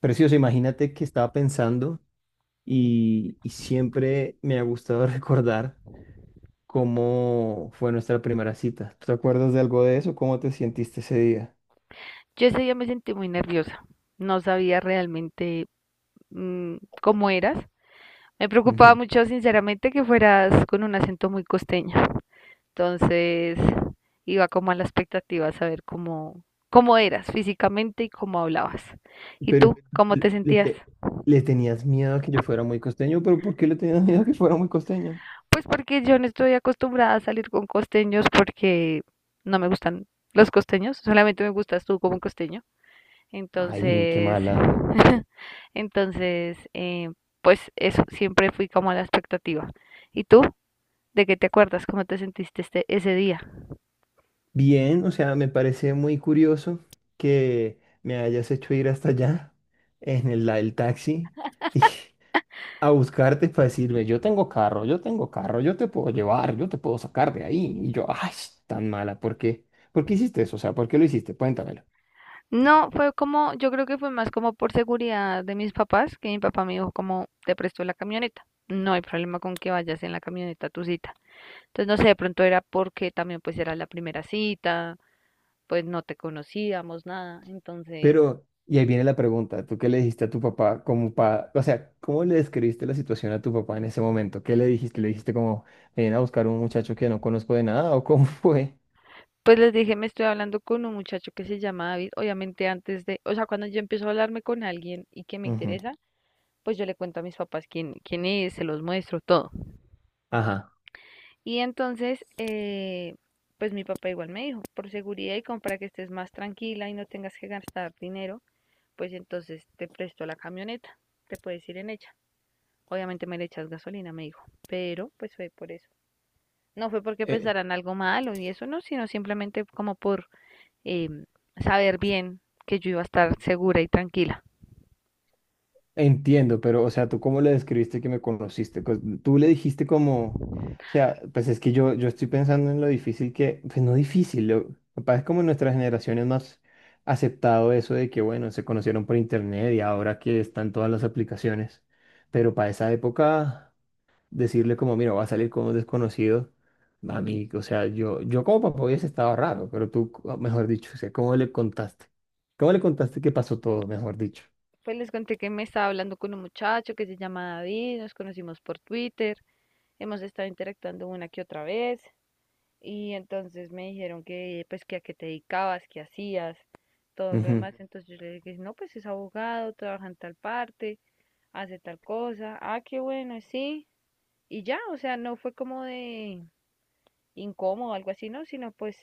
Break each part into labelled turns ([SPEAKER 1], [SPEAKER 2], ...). [SPEAKER 1] Precioso, imagínate que estaba pensando y siempre me ha gustado recordar cómo fue nuestra primera cita. ¿Te acuerdas de algo de eso? ¿Cómo te sentiste ese día?
[SPEAKER 2] Yo ese día me sentí muy nerviosa, no sabía realmente cómo eras. Me preocupaba
[SPEAKER 1] Ujú.
[SPEAKER 2] mucho, sinceramente, que fueras con un acento muy costeño. Entonces, iba como a la expectativa a saber cómo eras físicamente y cómo hablabas. ¿Y
[SPEAKER 1] Pero
[SPEAKER 2] tú, cómo
[SPEAKER 1] le,
[SPEAKER 2] te
[SPEAKER 1] le
[SPEAKER 2] sentías?
[SPEAKER 1] te- le tenías miedo a que yo fuera muy costeño, pero ¿por qué le tenías miedo a que fuera muy costeño?
[SPEAKER 2] Pues porque yo no estoy acostumbrada a salir con costeños porque no me gustan los costeños, solamente me gustas tú como costeño.
[SPEAKER 1] Ay, qué
[SPEAKER 2] Entonces,
[SPEAKER 1] mala.
[SPEAKER 2] entonces, pues eso, siempre fui como a la expectativa. ¿Y tú? ¿De qué te acuerdas? ¿Cómo te sentiste ese día?
[SPEAKER 1] Bien, o sea, me parece muy curioso que me hayas hecho ir hasta allá en el taxi. A buscarte para decirme, yo tengo carro, yo tengo carro, yo te puedo llevar, yo te puedo sacar de ahí. Y yo, ay, tan mala, ¿por qué? ¿Por qué hiciste eso? O sea, ¿por qué lo hiciste? Cuéntamelo.
[SPEAKER 2] No, fue como, yo creo que fue más como por seguridad de mis papás, que mi papá me dijo como, te presto la camioneta. No hay problema con que vayas en la camioneta a tu cita. Entonces, no sé, de pronto era porque también pues era la primera cita, pues no te conocíamos nada. Entonces,
[SPEAKER 1] Pero, y ahí viene la pregunta, ¿tú qué le dijiste a tu papá como pa, o sea, ¿cómo le describiste la situación a tu papá en ese momento? ¿Qué le dijiste? ¿Le dijiste como, ven a buscar un muchacho que no conozco de nada o cómo fue?
[SPEAKER 2] pues les dije, me estoy hablando con un muchacho que se llama David. Obviamente antes de, o sea, cuando yo empiezo a hablarme con alguien y que me
[SPEAKER 1] Ujú.
[SPEAKER 2] interesa, pues yo le cuento a mis papás quién es, se los muestro todo.
[SPEAKER 1] Ajá.
[SPEAKER 2] Y entonces, pues mi papá igual me dijo, por seguridad y como para que estés más tranquila y no tengas que gastar dinero, pues entonces te presto la camioneta, te puedes ir en ella. Obviamente me le echas gasolina, me dijo, pero pues fue por eso. No fue porque
[SPEAKER 1] Eh,
[SPEAKER 2] pensaran algo malo y eso no, sino simplemente como por eh, saber bien que yo iba a estar segura y tranquila.
[SPEAKER 1] entiendo, pero, o sea, ¿tú cómo le describiste que me conociste? Pues, tú le dijiste como, o sea, pues es que yo estoy pensando en lo difícil que, pues no difícil, lo, capaz es como nuestra generación es más aceptado eso de que, bueno, se conocieron por internet y ahora que están todas las aplicaciones, pero para esa época, decirle como, mira, va a salir con un desconocido, a mí, o sea, yo como papá hubiese estado raro, pero tú, mejor dicho, o sea, ¿cómo le contaste? ¿Cómo le contaste que pasó todo, mejor dicho?
[SPEAKER 2] Pues les conté que me estaba hablando con un muchacho que se llama David, nos conocimos por Twitter, hemos estado interactuando una que otra vez y entonces me dijeron que pues que a qué te dedicabas, qué hacías, todo lo demás. Entonces yo le dije, no, pues es abogado, trabaja en tal parte, hace tal cosa, ah, qué bueno, sí. Y ya, o sea, no fue como de incómodo o algo así, no, sino pues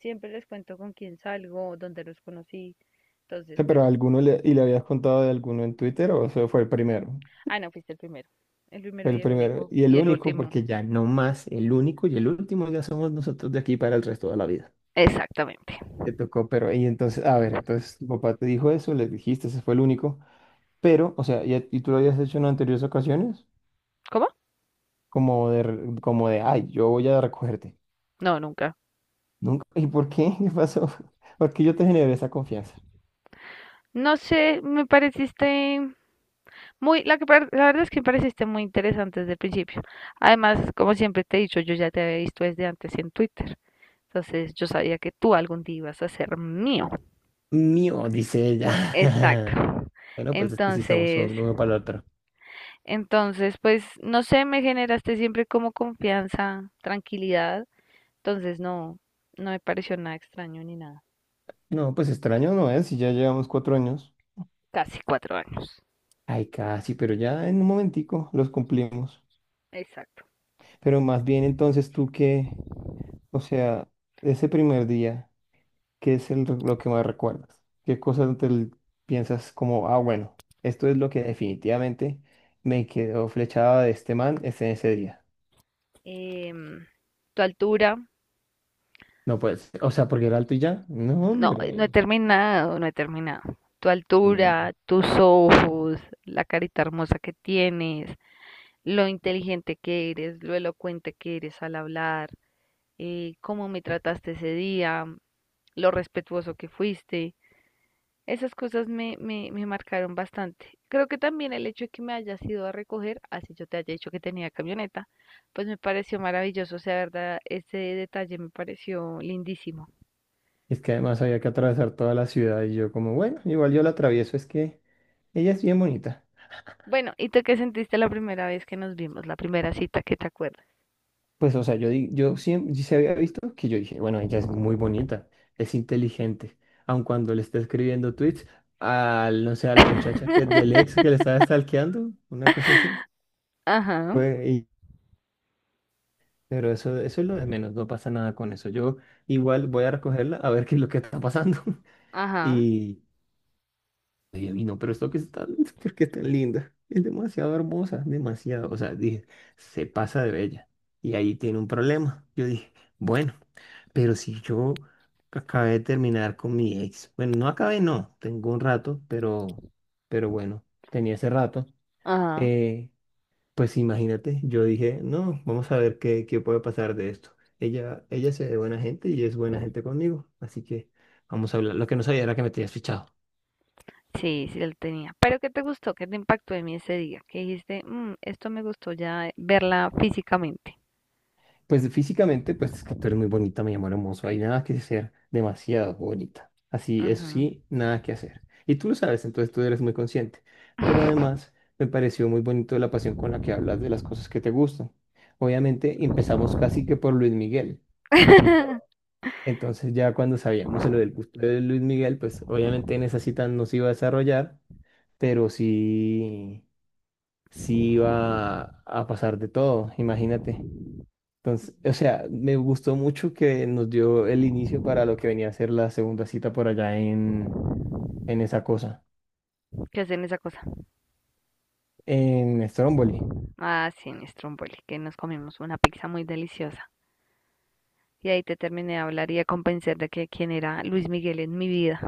[SPEAKER 2] siempre les cuento con quién salgo, dónde los conocí. Entonces,
[SPEAKER 1] Sea,
[SPEAKER 2] pues,
[SPEAKER 1] pero alguno le, y le habías contado de alguno en Twitter o eso fue el primero.
[SPEAKER 2] ah, no, fuiste el primero. El primero
[SPEAKER 1] Fue
[SPEAKER 2] y
[SPEAKER 1] el
[SPEAKER 2] el
[SPEAKER 1] primero
[SPEAKER 2] único.
[SPEAKER 1] y
[SPEAKER 2] Y
[SPEAKER 1] el
[SPEAKER 2] el
[SPEAKER 1] único,
[SPEAKER 2] último.
[SPEAKER 1] porque ya no más, el único y el último ya somos nosotros de aquí para el resto de la vida.
[SPEAKER 2] Exactamente.
[SPEAKER 1] Te tocó, pero y entonces, a ver, entonces tu papá te dijo eso, le dijiste, ese fue el único, pero, o sea, y tú lo habías hecho en anteriores ocasiones,
[SPEAKER 2] ¿Cómo?
[SPEAKER 1] como de, como de, ay, yo voy a recogerte.
[SPEAKER 2] No, nunca.
[SPEAKER 1] Nunca, ¿y por qué? ¿Qué pasó? ¿Por qué yo te generé esa confianza?
[SPEAKER 2] No sé, me pareciste muy, la verdad es que me pareciste muy interesante desde el principio. Además, como siempre te he dicho, yo ya te había visto desde antes en Twitter. Entonces, yo sabía que tú algún día ibas a ser mío.
[SPEAKER 1] Mío, dice ella.
[SPEAKER 2] Exacto.
[SPEAKER 1] Bueno, pues es que sí estamos
[SPEAKER 2] Entonces,
[SPEAKER 1] son uno para el otro.
[SPEAKER 2] entonces, pues, no sé, me generaste siempre como confianza, tranquilidad. Entonces, no, no me pareció nada extraño ni nada.
[SPEAKER 1] No, pues extraño no es, si ya llevamos cuatro años.
[SPEAKER 2] Casi cuatro años.
[SPEAKER 1] Ay, casi, pero ya en un momentico los cumplimos.
[SPEAKER 2] Exacto.
[SPEAKER 1] Pero más bien entonces tú qué, o sea, ese primer día, ¿qué es lo que más recuerdas? ¿Qué cosas piensas como, ah, bueno, esto es lo que definitivamente me quedó flechada de este man ese, ese día?
[SPEAKER 2] Em, Tu altura,
[SPEAKER 1] No, pues, o sea, porque era alto y ya. No,
[SPEAKER 2] no, no he
[SPEAKER 1] hombre.
[SPEAKER 2] terminado, no he terminado. Tu
[SPEAKER 1] Mm.
[SPEAKER 2] altura, tus ojos, la carita hermosa que tienes, lo inteligente que eres, lo elocuente que eres al hablar, cómo me trataste ese día, lo respetuoso que fuiste. Esas cosas me marcaron bastante. Creo que también el hecho de que me hayas ido a recoger, así yo te haya dicho que tenía camioneta, pues me pareció maravilloso. O sea, verdad, ese detalle me pareció lindísimo.
[SPEAKER 1] Es que además había que atravesar toda la ciudad y yo como, bueno, igual yo la atravieso, es que ella es bien bonita.
[SPEAKER 2] Bueno, ¿y tú qué sentiste la primera vez que nos vimos? La primera cita que te acuerdas.
[SPEAKER 1] Pues, o sea, yo, yo siempre se había visto que yo dije, bueno, ella es muy bonita, es inteligente, aun cuando le está escribiendo tweets al, no sé, a la muchacha que del ex que le estaba stalkeando, una cosa así.
[SPEAKER 2] Ajá,
[SPEAKER 1] Fue, y- pero eso, eso es lo de menos, no pasa nada con eso. Yo igual voy a recogerla a ver qué es lo que está pasando.
[SPEAKER 2] ajá,
[SPEAKER 1] Y. Ella vino, pero esto que es tan, ¿por qué es tan linda? Es demasiado hermosa, demasiado. O sea, dije, se pasa de bella. Y ahí tiene un problema. Yo dije, bueno, pero si yo acabé de terminar con mi ex. Bueno, no acabé, no. Tengo un rato, pero bueno, tenía ese rato.
[SPEAKER 2] ajá.
[SPEAKER 1] Eh, pues imagínate, yo dije, no, vamos a ver qué, qué puede pasar de esto. Ella se ve buena gente y es buena gente conmigo. Así que vamos a hablar. Lo que no sabía era que me tenías fichado.
[SPEAKER 2] Sí, sí lo tenía. Pero ¿qué te gustó? ¿Qué te impactó en mí ese día? Que dijiste, "Mm, esto me gustó ya verla físicamente".
[SPEAKER 1] Pues físicamente, pues es que tú eres muy bonita, me llamó hermoso. Hay nada que hacer, demasiado bonita. Así, eso
[SPEAKER 2] Ujú.
[SPEAKER 1] sí, nada que hacer. Y tú lo sabes, entonces tú eres muy consciente. Pero además, me pareció muy bonito la pasión con la que hablas de las cosas que te gustan. Obviamente, empezamos casi que por Luis Miguel. Y todo. Entonces ya cuando sabíamos lo del gusto de Luis Miguel, pues obviamente en esa cita no se iba a desarrollar, pero sí, sí iba a pasar de todo, imagínate. Entonces, o sea, me gustó mucho que nos dio el inicio para lo que venía a ser la segunda cita por allá en esa cosa,
[SPEAKER 2] ¿Qué hacen esa cosa?
[SPEAKER 1] en Stromboli.
[SPEAKER 2] Ah, sí, mi Stromboli, que nos comimos una pizza muy deliciosa. Y ahí te terminé de hablar y de convencer de que quién era Luis Miguel en mi vida.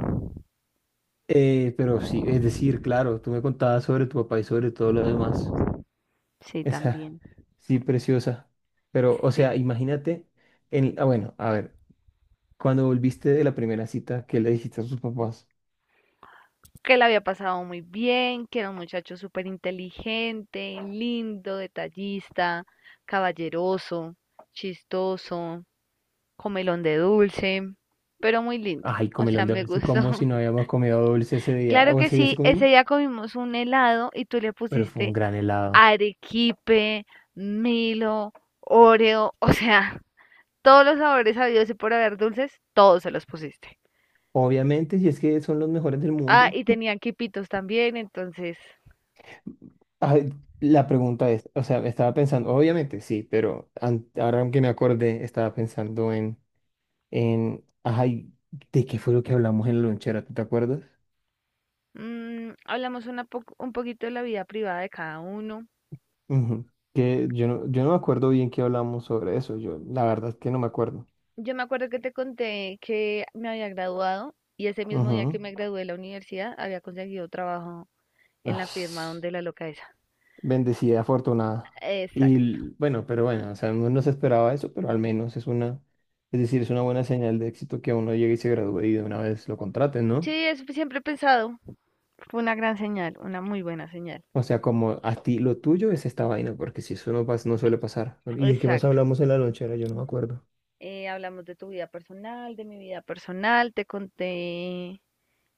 [SPEAKER 1] Pero sí, es decir, claro, tú me contabas sobre tu papá y sobre todo lo demás.
[SPEAKER 2] Sí,
[SPEAKER 1] Esa,
[SPEAKER 2] también.
[SPEAKER 1] sí, preciosa. Pero, o
[SPEAKER 2] Sí.
[SPEAKER 1] sea, imagínate, ah, bueno, a ver, cuando volviste de la primera cita, ¿qué le dijiste a tus papás?
[SPEAKER 2] Que la había pasado muy bien, que era un muchacho súper inteligente, lindo, detallista, caballeroso, chistoso, comelón de dulce, pero muy lindo.
[SPEAKER 1] Ay,
[SPEAKER 2] O sea,
[SPEAKER 1] comelón de
[SPEAKER 2] me
[SPEAKER 1] dulce,
[SPEAKER 2] gustó.
[SPEAKER 1] como si no habíamos comido dulce ese día.
[SPEAKER 2] Claro
[SPEAKER 1] ¿O
[SPEAKER 2] que
[SPEAKER 1] ese día sí
[SPEAKER 2] sí, ese
[SPEAKER 1] comimos?
[SPEAKER 2] día comimos un helado y tú le
[SPEAKER 1] Pero fue un
[SPEAKER 2] pusiste
[SPEAKER 1] gran helado.
[SPEAKER 2] arequipe, Milo, Oreo, o sea, todos los sabores habidos y por haber dulces, todos se los pusiste.
[SPEAKER 1] Obviamente, si es que son los mejores del
[SPEAKER 2] Ah,
[SPEAKER 1] mundo.
[SPEAKER 2] y tenían quipitos también, entonces
[SPEAKER 1] Ah, la pregunta es, o sea, estaba pensando, obviamente sí, pero ahora que me acordé, estaba pensando ay, ¿de qué fue lo que hablamos en la lonchera? ¿Tú te acuerdas?
[SPEAKER 2] hablamos un poquito de la vida privada de cada uno.
[SPEAKER 1] Ujú. Que yo no me acuerdo bien qué hablamos sobre eso, yo la verdad es que no me acuerdo.
[SPEAKER 2] Yo me acuerdo que te conté que me había graduado y ese mismo día
[SPEAKER 1] Ujú.
[SPEAKER 2] que me gradué de la universidad había conseguido trabajo
[SPEAKER 1] Ay,
[SPEAKER 2] en la firma donde la loca esa.
[SPEAKER 1] bendecida, afortunada. Y
[SPEAKER 2] Exacto.
[SPEAKER 1] bueno, pero bueno, o sea, uno no se esperaba eso, pero al menos es una, es decir, es una buena señal de éxito que uno llegue y se gradúe y de una vez lo contraten,
[SPEAKER 2] Sí,
[SPEAKER 1] ¿no?
[SPEAKER 2] eso siempre he pensado. Fue una gran señal, una muy buena señal.
[SPEAKER 1] O sea, como a ti lo tuyo es esta vaina, porque si eso no pasa, no suele pasar. ¿Y de qué más
[SPEAKER 2] Exacto.
[SPEAKER 1] hablamos en la lonchera? Yo no me acuerdo.
[SPEAKER 2] Hablamos de tu vida personal, de mi vida personal, te conté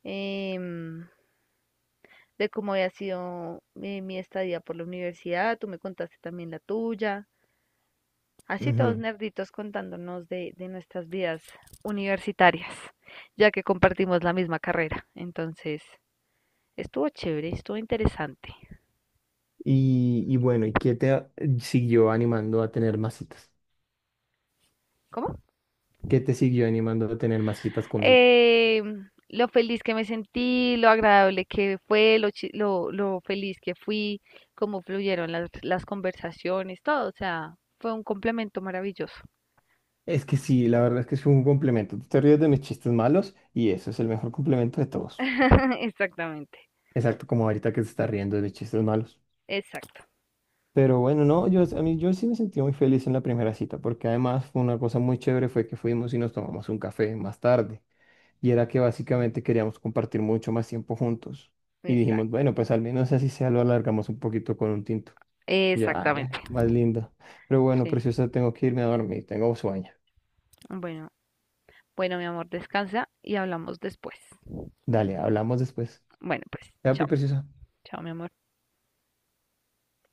[SPEAKER 2] em, de cómo había sido mi estadía por la universidad, tú me contaste también la tuya, así todos
[SPEAKER 1] Ujú.
[SPEAKER 2] nerditos contándonos de nuestras vidas universitarias, ya que compartimos la misma carrera, entonces estuvo chévere, estuvo interesante.
[SPEAKER 1] Y bueno, ¿y qué siguió animando a tener más citas?
[SPEAKER 2] ¿Cómo?
[SPEAKER 1] ¿Qué te siguió animando a tener más citas conmigo?
[SPEAKER 2] eh, lo feliz que me sentí, lo agradable que fue, lo feliz que fui, cómo fluyeron las conversaciones, todo, o sea, fue un complemento maravilloso.
[SPEAKER 1] Es que sí, la verdad es que es un complemento. Tú te ríes de mis chistes malos y eso es el mejor complemento de todos.
[SPEAKER 2] Exactamente,
[SPEAKER 1] Exacto, como ahorita que se está riendo de mis chistes malos.
[SPEAKER 2] exacto,
[SPEAKER 1] Pero bueno, no, yo, a mí, yo sí me sentí muy feliz en la primera cita, porque además fue una cosa muy chévere, fue que fuimos y nos tomamos un café más tarde. Y era que básicamente queríamos compartir mucho más tiempo juntos. Y dijimos,
[SPEAKER 2] exacto,
[SPEAKER 1] bueno, pues al menos así sea, lo alargamos un poquito con un tinto. Y yo, ah, ve,
[SPEAKER 2] exactamente.
[SPEAKER 1] más lindo. Pero bueno,
[SPEAKER 2] Sí,
[SPEAKER 1] preciosa, tengo que irme a dormir, tengo sueño.
[SPEAKER 2] bueno, bueno, mi amor, descansa y hablamos después.
[SPEAKER 1] Dale, hablamos después.
[SPEAKER 2] Bueno, pues,
[SPEAKER 1] Ya, pi,
[SPEAKER 2] chao,
[SPEAKER 1] preciosa.
[SPEAKER 2] chao, mi amor.